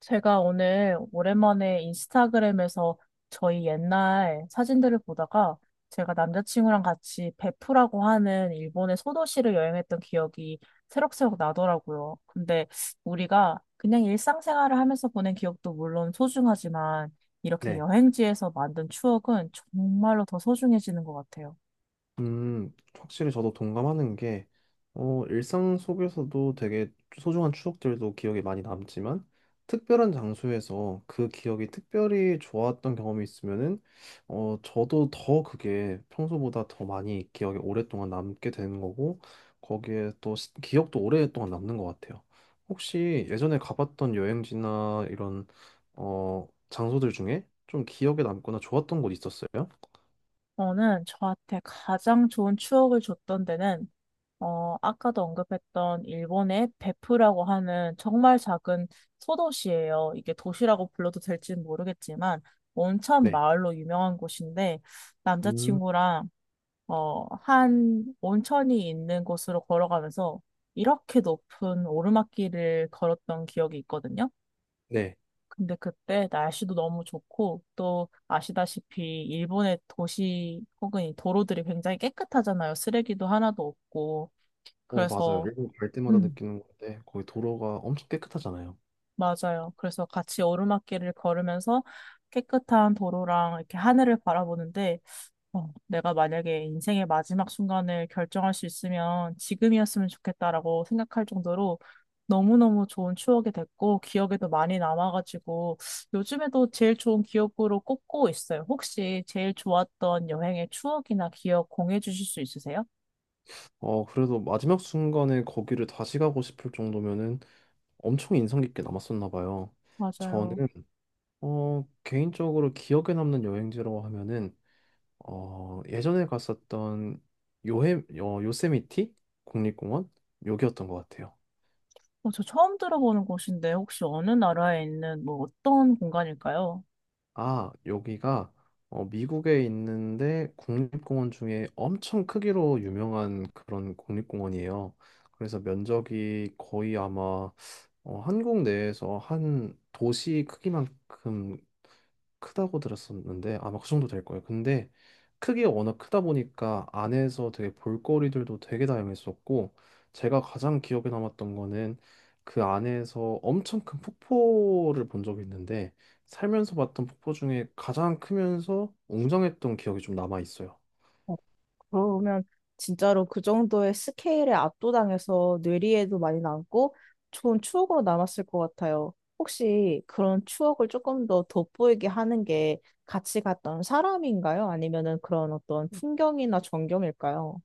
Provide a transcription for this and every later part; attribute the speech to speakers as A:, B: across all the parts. A: 제가 오늘 오랜만에 인스타그램에서 저희 옛날 사진들을 보다가 제가 남자친구랑 같이 베푸라고 하는 일본의 소도시를 여행했던 기억이 새록새록 나더라고요. 근데 우리가 그냥 일상생활을 하면서 보낸 기억도 물론 소중하지만 이렇게
B: 네.
A: 여행지에서 만든 추억은 정말로 더 소중해지는 것 같아요.
B: 확실히 저도 동감하는 게, 일상 속에서도 되게 소중한 추억들도 기억에 많이 남지만, 특별한 장소에서 그 기억이 특별히 좋았던 경험이 있으면은, 저도 더 그게 평소보다 더 많이 기억에 오랫동안 남게 되는 거고, 거기에 또 기억도 오랫동안 남는 것 같아요. 혹시 예전에 가봤던 여행지나 이런, 장소들 중에 좀 기억에 남거나 좋았던 곳 있었어요?
A: 저는 저한테 가장 좋은 추억을 줬던 데는 아까도 언급했던 일본의 베프라고 하는 정말 작은 소도시예요. 이게 도시라고 불러도 될지는 모르겠지만 온천
B: 네.
A: 마을로 유명한 곳인데
B: 음,
A: 남자친구랑 한 온천이 있는 곳으로 걸어가면서 이렇게 높은 오르막길을 걸었던 기억이 있거든요.
B: 네.
A: 근데 그때 날씨도 너무 좋고 또 아시다시피 일본의 도시 혹은 이 도로들이 굉장히 깨끗하잖아요. 쓰레기도 하나도 없고.
B: 맞아요.
A: 그래서
B: 일본 갈 때마다
A: 음.
B: 느끼는 건데, 거기 도로가 엄청 깨끗하잖아요.
A: 맞아요. 그래서 같이 오르막길을 걸으면서 깨끗한 도로랑 이렇게 하늘을 바라보는데, 내가 만약에 인생의 마지막 순간을 결정할 수 있으면 지금이었으면 좋겠다라고 생각할 정도로 너무너무 좋은 추억이 됐고, 기억에도 많이 남아가지고, 요즘에도 제일 좋은 기억으로 꼽고 있어요. 혹시 제일 좋았던 여행의 추억이나 기억 공유해 주실 수 있으세요?
B: 그래도 마지막 순간에 거기를 다시 가고 싶을 정도면은 엄청 인상 깊게 남았었나 봐요. 저는,
A: 맞아요.
B: 개인적으로 기억에 남는 여행지라고 하면은, 예전에 갔었던 요헤, 요세미티 국립공원? 여기였던 것 같아요.
A: 어, 저 처음 들어보는 곳인데, 혹시 어느 나라에 있는 뭐 어떤 공간일까요?
B: 아, 여기가 미국에 있는데 국립공원 중에 엄청 크기로 유명한 그런 국립공원이에요. 그래서 면적이 거의 아마 한국 내에서 한 도시 크기만큼 크다고 들었었는데 아마 그 정도 될 거예요. 근데 크기가 워낙 크다 보니까 안에서 되게 볼거리들도 되게 다양했었고 제가 가장 기억에 남았던 거는 그 안에서 엄청 큰 폭포를 본 적이 있는데 살면서 봤던 폭포 중에 가장 크면서 웅장했던 기억이 좀 남아 있어요.
A: 그러면 진짜로 그 정도의 스케일에 압도당해서 뇌리에도 많이 남고 좋은 추억으로 남았을 것 같아요. 혹시 그런 추억을 조금 더 돋보이게 하는 게 같이 갔던 사람인가요? 아니면은 그런 어떤 풍경이나 전경일까요?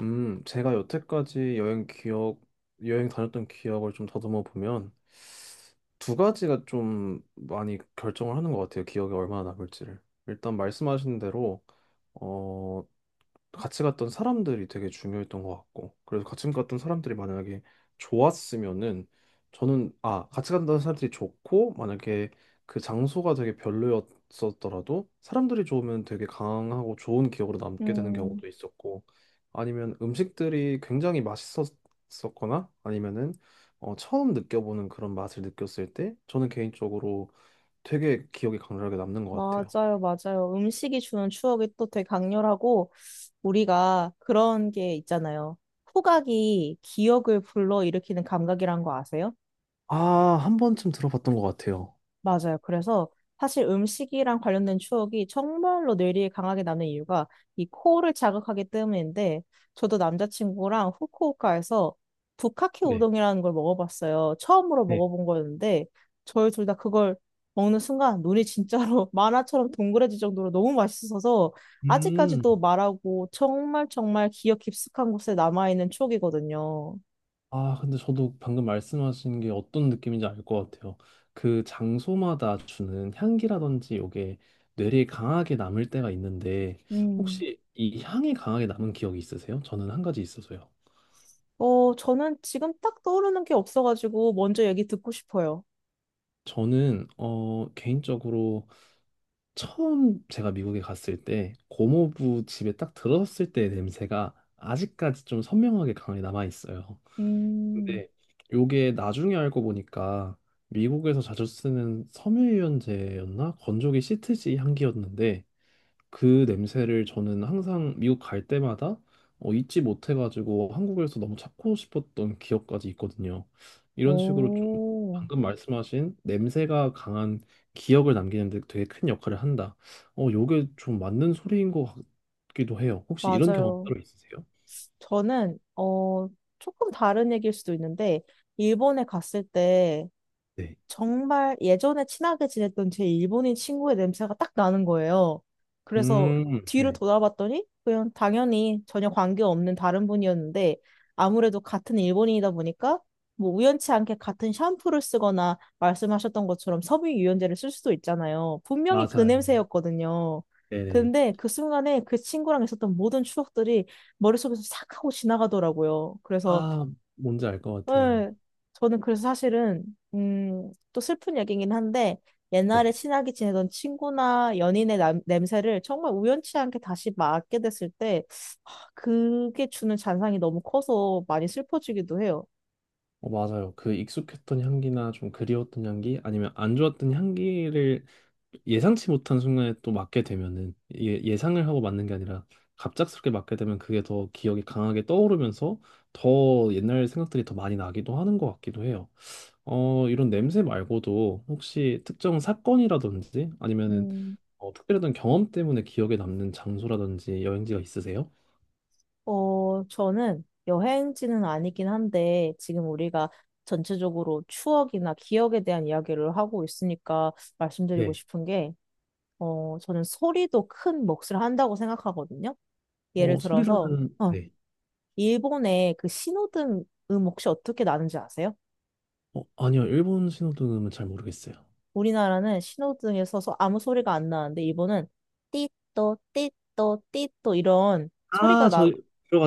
B: 제가 여태까지 여행 기억, 여행 다녔던 기억을 좀 더듬어 보면 두 가지가 좀 많이 결정을 하는 것 같아요. 기억에 얼마나 남을지를. 일단 말씀하신 대로 어, 같이 갔던 사람들이 되게 중요했던 것 같고 그래서 같이 갔던 사람들이 만약에 좋았으면은 저는 아 같이 갔던 사람들이 좋고 만약에 그 장소가 되게 별로였었더라도 사람들이 좋으면 되게 강하고 좋은 기억으로 남게 되는
A: 음,
B: 경우도 있었고 아니면 음식들이 굉장히 맛있었거나 아니면은 처음 느껴보는 그런 맛을 느꼈을 때 저는 개인적으로 되게 기억에 강렬하게 남는 것 같아요.
A: 맞아요, 맞아요. 음식이 주는 추억이 또 되게 강렬하고 우리가 그런 게 있잖아요. 후각이 기억을 불러일으키는 감각이란 거 아세요?
B: 아, 한 번쯤 들어봤던 것 같아요.
A: 맞아요. 그래서 사실 음식이랑 관련된 추억이 정말로 뇌리에 강하게 남는 이유가 이 코를 자극하기 때문인데 저도 남자친구랑 후쿠오카에서 부카케
B: 네.
A: 우동이라는 걸 먹어봤어요. 처음으로
B: 네.
A: 먹어본 거였는데 저희 둘 다 그걸 먹는 순간 눈이 진짜로 만화처럼 동그래질 정도로 너무 맛있어서
B: 음,
A: 아직까지도 말하고 정말 정말 기억 깊숙한 곳에 남아있는 추억이거든요.
B: 아, 근데 저도 방금 말씀하신 게 어떤 느낌인지 알 것 같아요. 그 장소마다 주는 향기라든지 요게 뇌리에 강하게 남을 때가 있는데,
A: 음.
B: 혹시 이 향이 강하게 남은 기억이 있으세요? 저는 한 가지 있어서요.
A: 저는 지금 딱 떠오르는 게 없어가지고 먼저 얘기 듣고 싶어요.
B: 저는, 개인적으로 처음 제가 미국에 갔을 때, 고모부 집에 딱 들어섰을 때의 냄새가 아직까지 좀 선명하게 강하게 남아 있어요.
A: 음,
B: 근데 요게 나중에 알고 보니까 미국에서 자주 쓰는 섬유유연제였나? 건조기 시트지 향기였는데 그 냄새를 저는 항상 미국 갈 때마다 잊지 못해가지고 한국에서 너무 찾고 싶었던 기억까지 있거든요. 이런 식으로 좀
A: 오,
B: 방금 말씀하신 냄새가 강한 기억을 남기는데 되게 큰 역할을 한다. 요게 좀 맞는 소리인 것 같기도 해요. 혹시 이런 경험
A: 맞아요.
B: 따로 있으세요?
A: 저는, 조금 다른 얘기일 수도 있는데, 일본에 갔을 때,
B: 네.
A: 정말 예전에 친하게 지냈던 제 일본인 친구의 냄새가 딱 나는 거예요. 그래서 뒤를
B: 네.
A: 돌아봤더니 그냥 당연히 전혀 관계없는 다른 분이었는데 아무래도 같은 일본인이다 보니까 뭐 우연치 않게 같은 샴푸를 쓰거나 말씀하셨던 것처럼 섬유유연제를 쓸 수도 있잖아요. 분명히 그
B: 맞아요.
A: 냄새였거든요.
B: 네네.
A: 근데 그 순간에 그 친구랑 있었던 모든 추억들이 머릿속에서 싹 하고 지나가더라고요. 그래서
B: 아, 뭔지 알 것 같아요.
A: 네. 저는 그래서 사실은, 또 슬픈 얘기긴 한데, 옛날에
B: 네.
A: 친하게 지내던 친구나 연인의 냄새를 정말 우연치 않게 다시 맡게 됐을 때, 하, 그게 주는 잔상이 너무 커서 많이 슬퍼지기도 해요.
B: 맞아요. 그 익숙했던 향기나 좀 그리웠던 향기 아니면 안 좋았던 향기를 예상치 못한 순간에 또 맡게 되면은 예, 예상을 하고 맡는 게 아니라 갑작스럽게 맡게 되면 그게 더 기억이 강하게 떠오르면서 더 옛날 생각들이 더 많이 나기도 하는 것 같기도 해요. 이런 냄새 말고도 혹시 특정 사건이라든지 아니면은
A: 음,
B: 특별했던 경험 때문에 기억에 남는 장소라든지 여행지가 있으세요?
A: 저는 여행지는 아니긴 한데, 지금 우리가 전체적으로 추억이나 기억에 대한 이야기를 하고 있으니까 말씀드리고
B: 네.
A: 싶은 게, 저는 소리도 큰 몫을 한다고 생각하거든요. 예를 들어서,
B: 소리라면
A: 어,
B: 네.
A: 일본의 그 신호등 혹시 어떻게 나는지 아세요?
B: 아니요. 일본 신호등은 잘 모르겠어요.
A: 우리나라는 신호등에서 아무 소리가 안 나는데, 일본은 띠또, 띠또, 띠또 이런 소리가
B: 아,
A: 나,
B: 저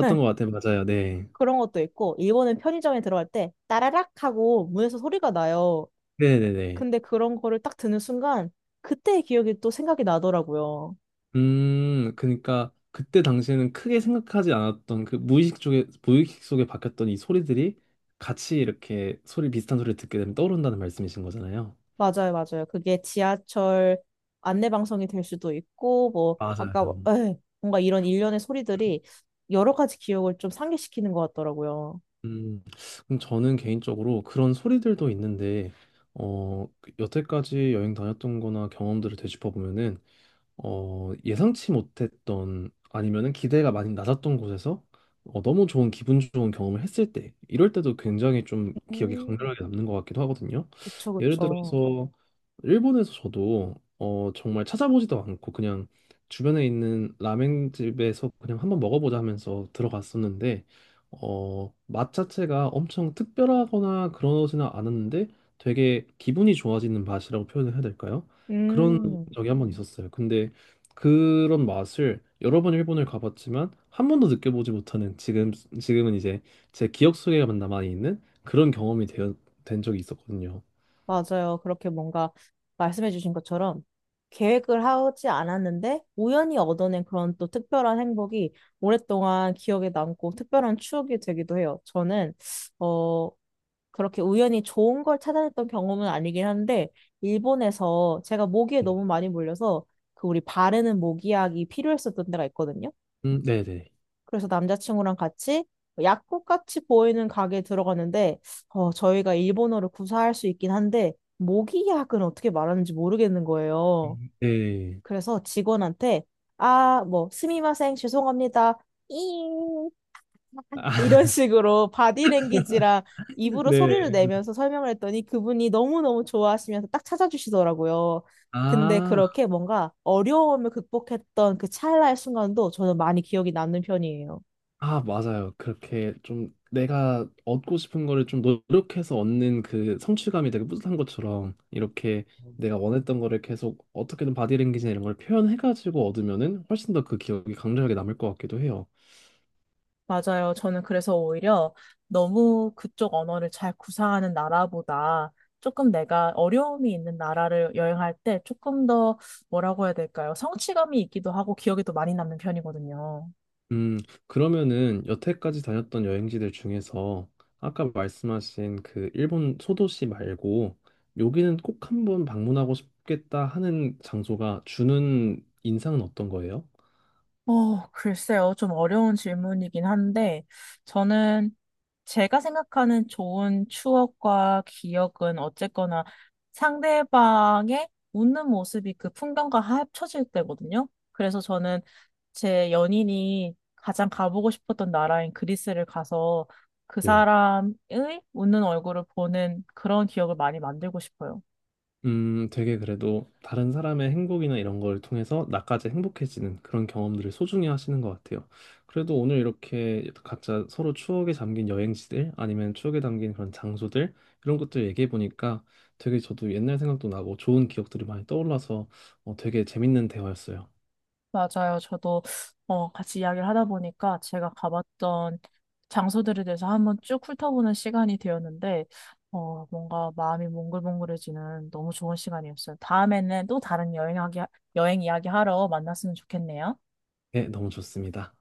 A: 네,
B: 것 같아요. 맞아요. 네.
A: 그런 것도 있고, 일본은 편의점에 들어갈 때 따라락 하고 문에서 소리가 나요.
B: 네네네.
A: 근데 그런 거를 딱 듣는 순간, 그때의 기억이 또 생각이 나더라고요.
B: 그러니까 그때 당시에는 크게 생각하지 않았던 그 무의식 쪽에, 무의식 속에 박혔던 이 소리들이 같이 이렇게 소리 비슷한 소리를 듣게 되면 떠오른다는 말씀이신 거잖아요.
A: 맞아요, 맞아요. 그게 지하철 안내 방송이 될 수도 있고, 뭐, 아까,
B: 맞아요.
A: 에이, 뭔가 이런 일련의 소리들이 여러 가지 기억을 좀 상기시키는 것 같더라고요.
B: 음, 그럼 저는 개인적으로 그런 소리들도 있는데, 그 여태까지 여행 다녔던 거나 경험들을 되짚어보면은 예상치 못했던 아니면은 기대가 많이 낮았던 곳에서 너무 좋은 기분 좋은 경험을 했을 때 이럴 때도 굉장히 좀 기억에
A: 음.
B: 강렬하게 남는 것 같기도 하거든요.
A: 그쵸,
B: 예를
A: 그쵸.
B: 들어서 일본에서 저도 정말 찾아보지도 않고 그냥 주변에 있는 라멘집에서 그냥 한번 먹어보자 하면서 들어갔었는데 맛 자체가 엄청 특별하거나 그러지는 않았는데 되게 기분이 좋아지는 맛이라고 표현을 해야 될까요? 그런
A: 음,
B: 적이 한번 있었어요. 근데 그런 맛을 여러 번 일본을 가봤지만 한 번도 느껴보지 못하는 지금은 이제 제 기억 속에만 남아 있는 그런 경험이 된 적이 있었거든요.
A: 맞아요. 그렇게 뭔가 말씀해주신 것처럼 계획을 하지 않았는데 우연히 얻어낸 그런 또 특별한 행복이 오랫동안 기억에 남고 특별한 추억이 되기도 해요. 저는, 어, 그렇게 우연히 좋은 걸 찾아냈던 경험은 아니긴 한데, 일본에서 제가 모기에 너무 많이 물려서 그 우리 바르는 모기약이 필요했었던 데가 있거든요.
B: 네네.
A: 그래서 남자친구랑 같이 약국 같이 보이는 가게에 들어갔는데, 저희가 일본어를 구사할 수 있긴 한데, 모기약은 어떻게 말하는지 모르겠는 거예요.
B: 음. 네.
A: 그래서 직원한테, 아, 뭐, 스미마셍, 죄송합니다. 잉
B: 아,
A: 이런 식으로 바디랭귀지랑 입으로 소리를
B: 네.
A: 내면서 설명을 했더니 그분이 너무너무 좋아하시면서 딱 찾아주시더라고요. 근데
B: 아,
A: 그렇게 뭔가 어려움을 극복했던 그 찰나의 순간도 저는 많이 기억이 남는 편이에요.
B: 아, 맞아요. 그렇게 좀 내가 얻고 싶은 거를 좀 노력해서 얻는 그 성취감이 되게 뿌듯한 것처럼 이렇게 내가 원했던 거를 계속 어떻게든 바디랭귀지나 이런 걸 표현해가지고 얻으면은 훨씬 더 그 기억이 강렬하게 남을 것 같기도 해요.
A: 맞아요. 저는 그래서 오히려 너무 그쪽 언어를 잘 구사하는 나라보다 조금 내가 어려움이 있는 나라를 여행할 때 조금 더 뭐라고 해야 될까요? 성취감이 있기도 하고 기억에도 많이 남는 편이거든요.
B: 음, 그러면은 여태까지 다녔던 여행지들 중에서 아까 말씀하신 그 일본 소도시 말고 여기는 꼭 한번 방문하고 싶겠다 하는 장소가 주는 인상은 어떤 거예요?
A: 글쎄요. 좀 어려운 질문이긴 한데, 저는 제가 생각하는 좋은 추억과 기억은 어쨌거나 상대방의 웃는 모습이 그 풍경과 합쳐질 때거든요. 그래서 저는 제 연인이 가장 가보고 싶었던 나라인 그리스를 가서 그
B: 네.
A: 사람의 웃는 얼굴을 보는 그런 기억을 많이 만들고 싶어요.
B: 되게 그래도 다른 사람의 행복이나 이런 걸 통해서 나까지 행복해지는 그런 경험들을 소중히 하시는 것 같아요. 그래도 오늘 이렇게 각자 서로 추억에 잠긴 여행지들 아니면 추억에 담긴 그런 장소들 이런 것들 얘기해 보니까 되게 저도 옛날 생각도 나고 좋은 기억들이 많이 떠올라서 되게 재밌는 대화였어요.
A: 맞아요. 저도, 같이 이야기를 하다 보니까 제가 가봤던 장소들에 대해서 한번 쭉 훑어보는 시간이 되었는데, 뭔가 마음이 몽글몽글해지는 너무 좋은 시간이었어요. 다음에는 또 다른 여행 이야기 하러 만났으면 좋겠네요.
B: 네, 너무 좋습니다.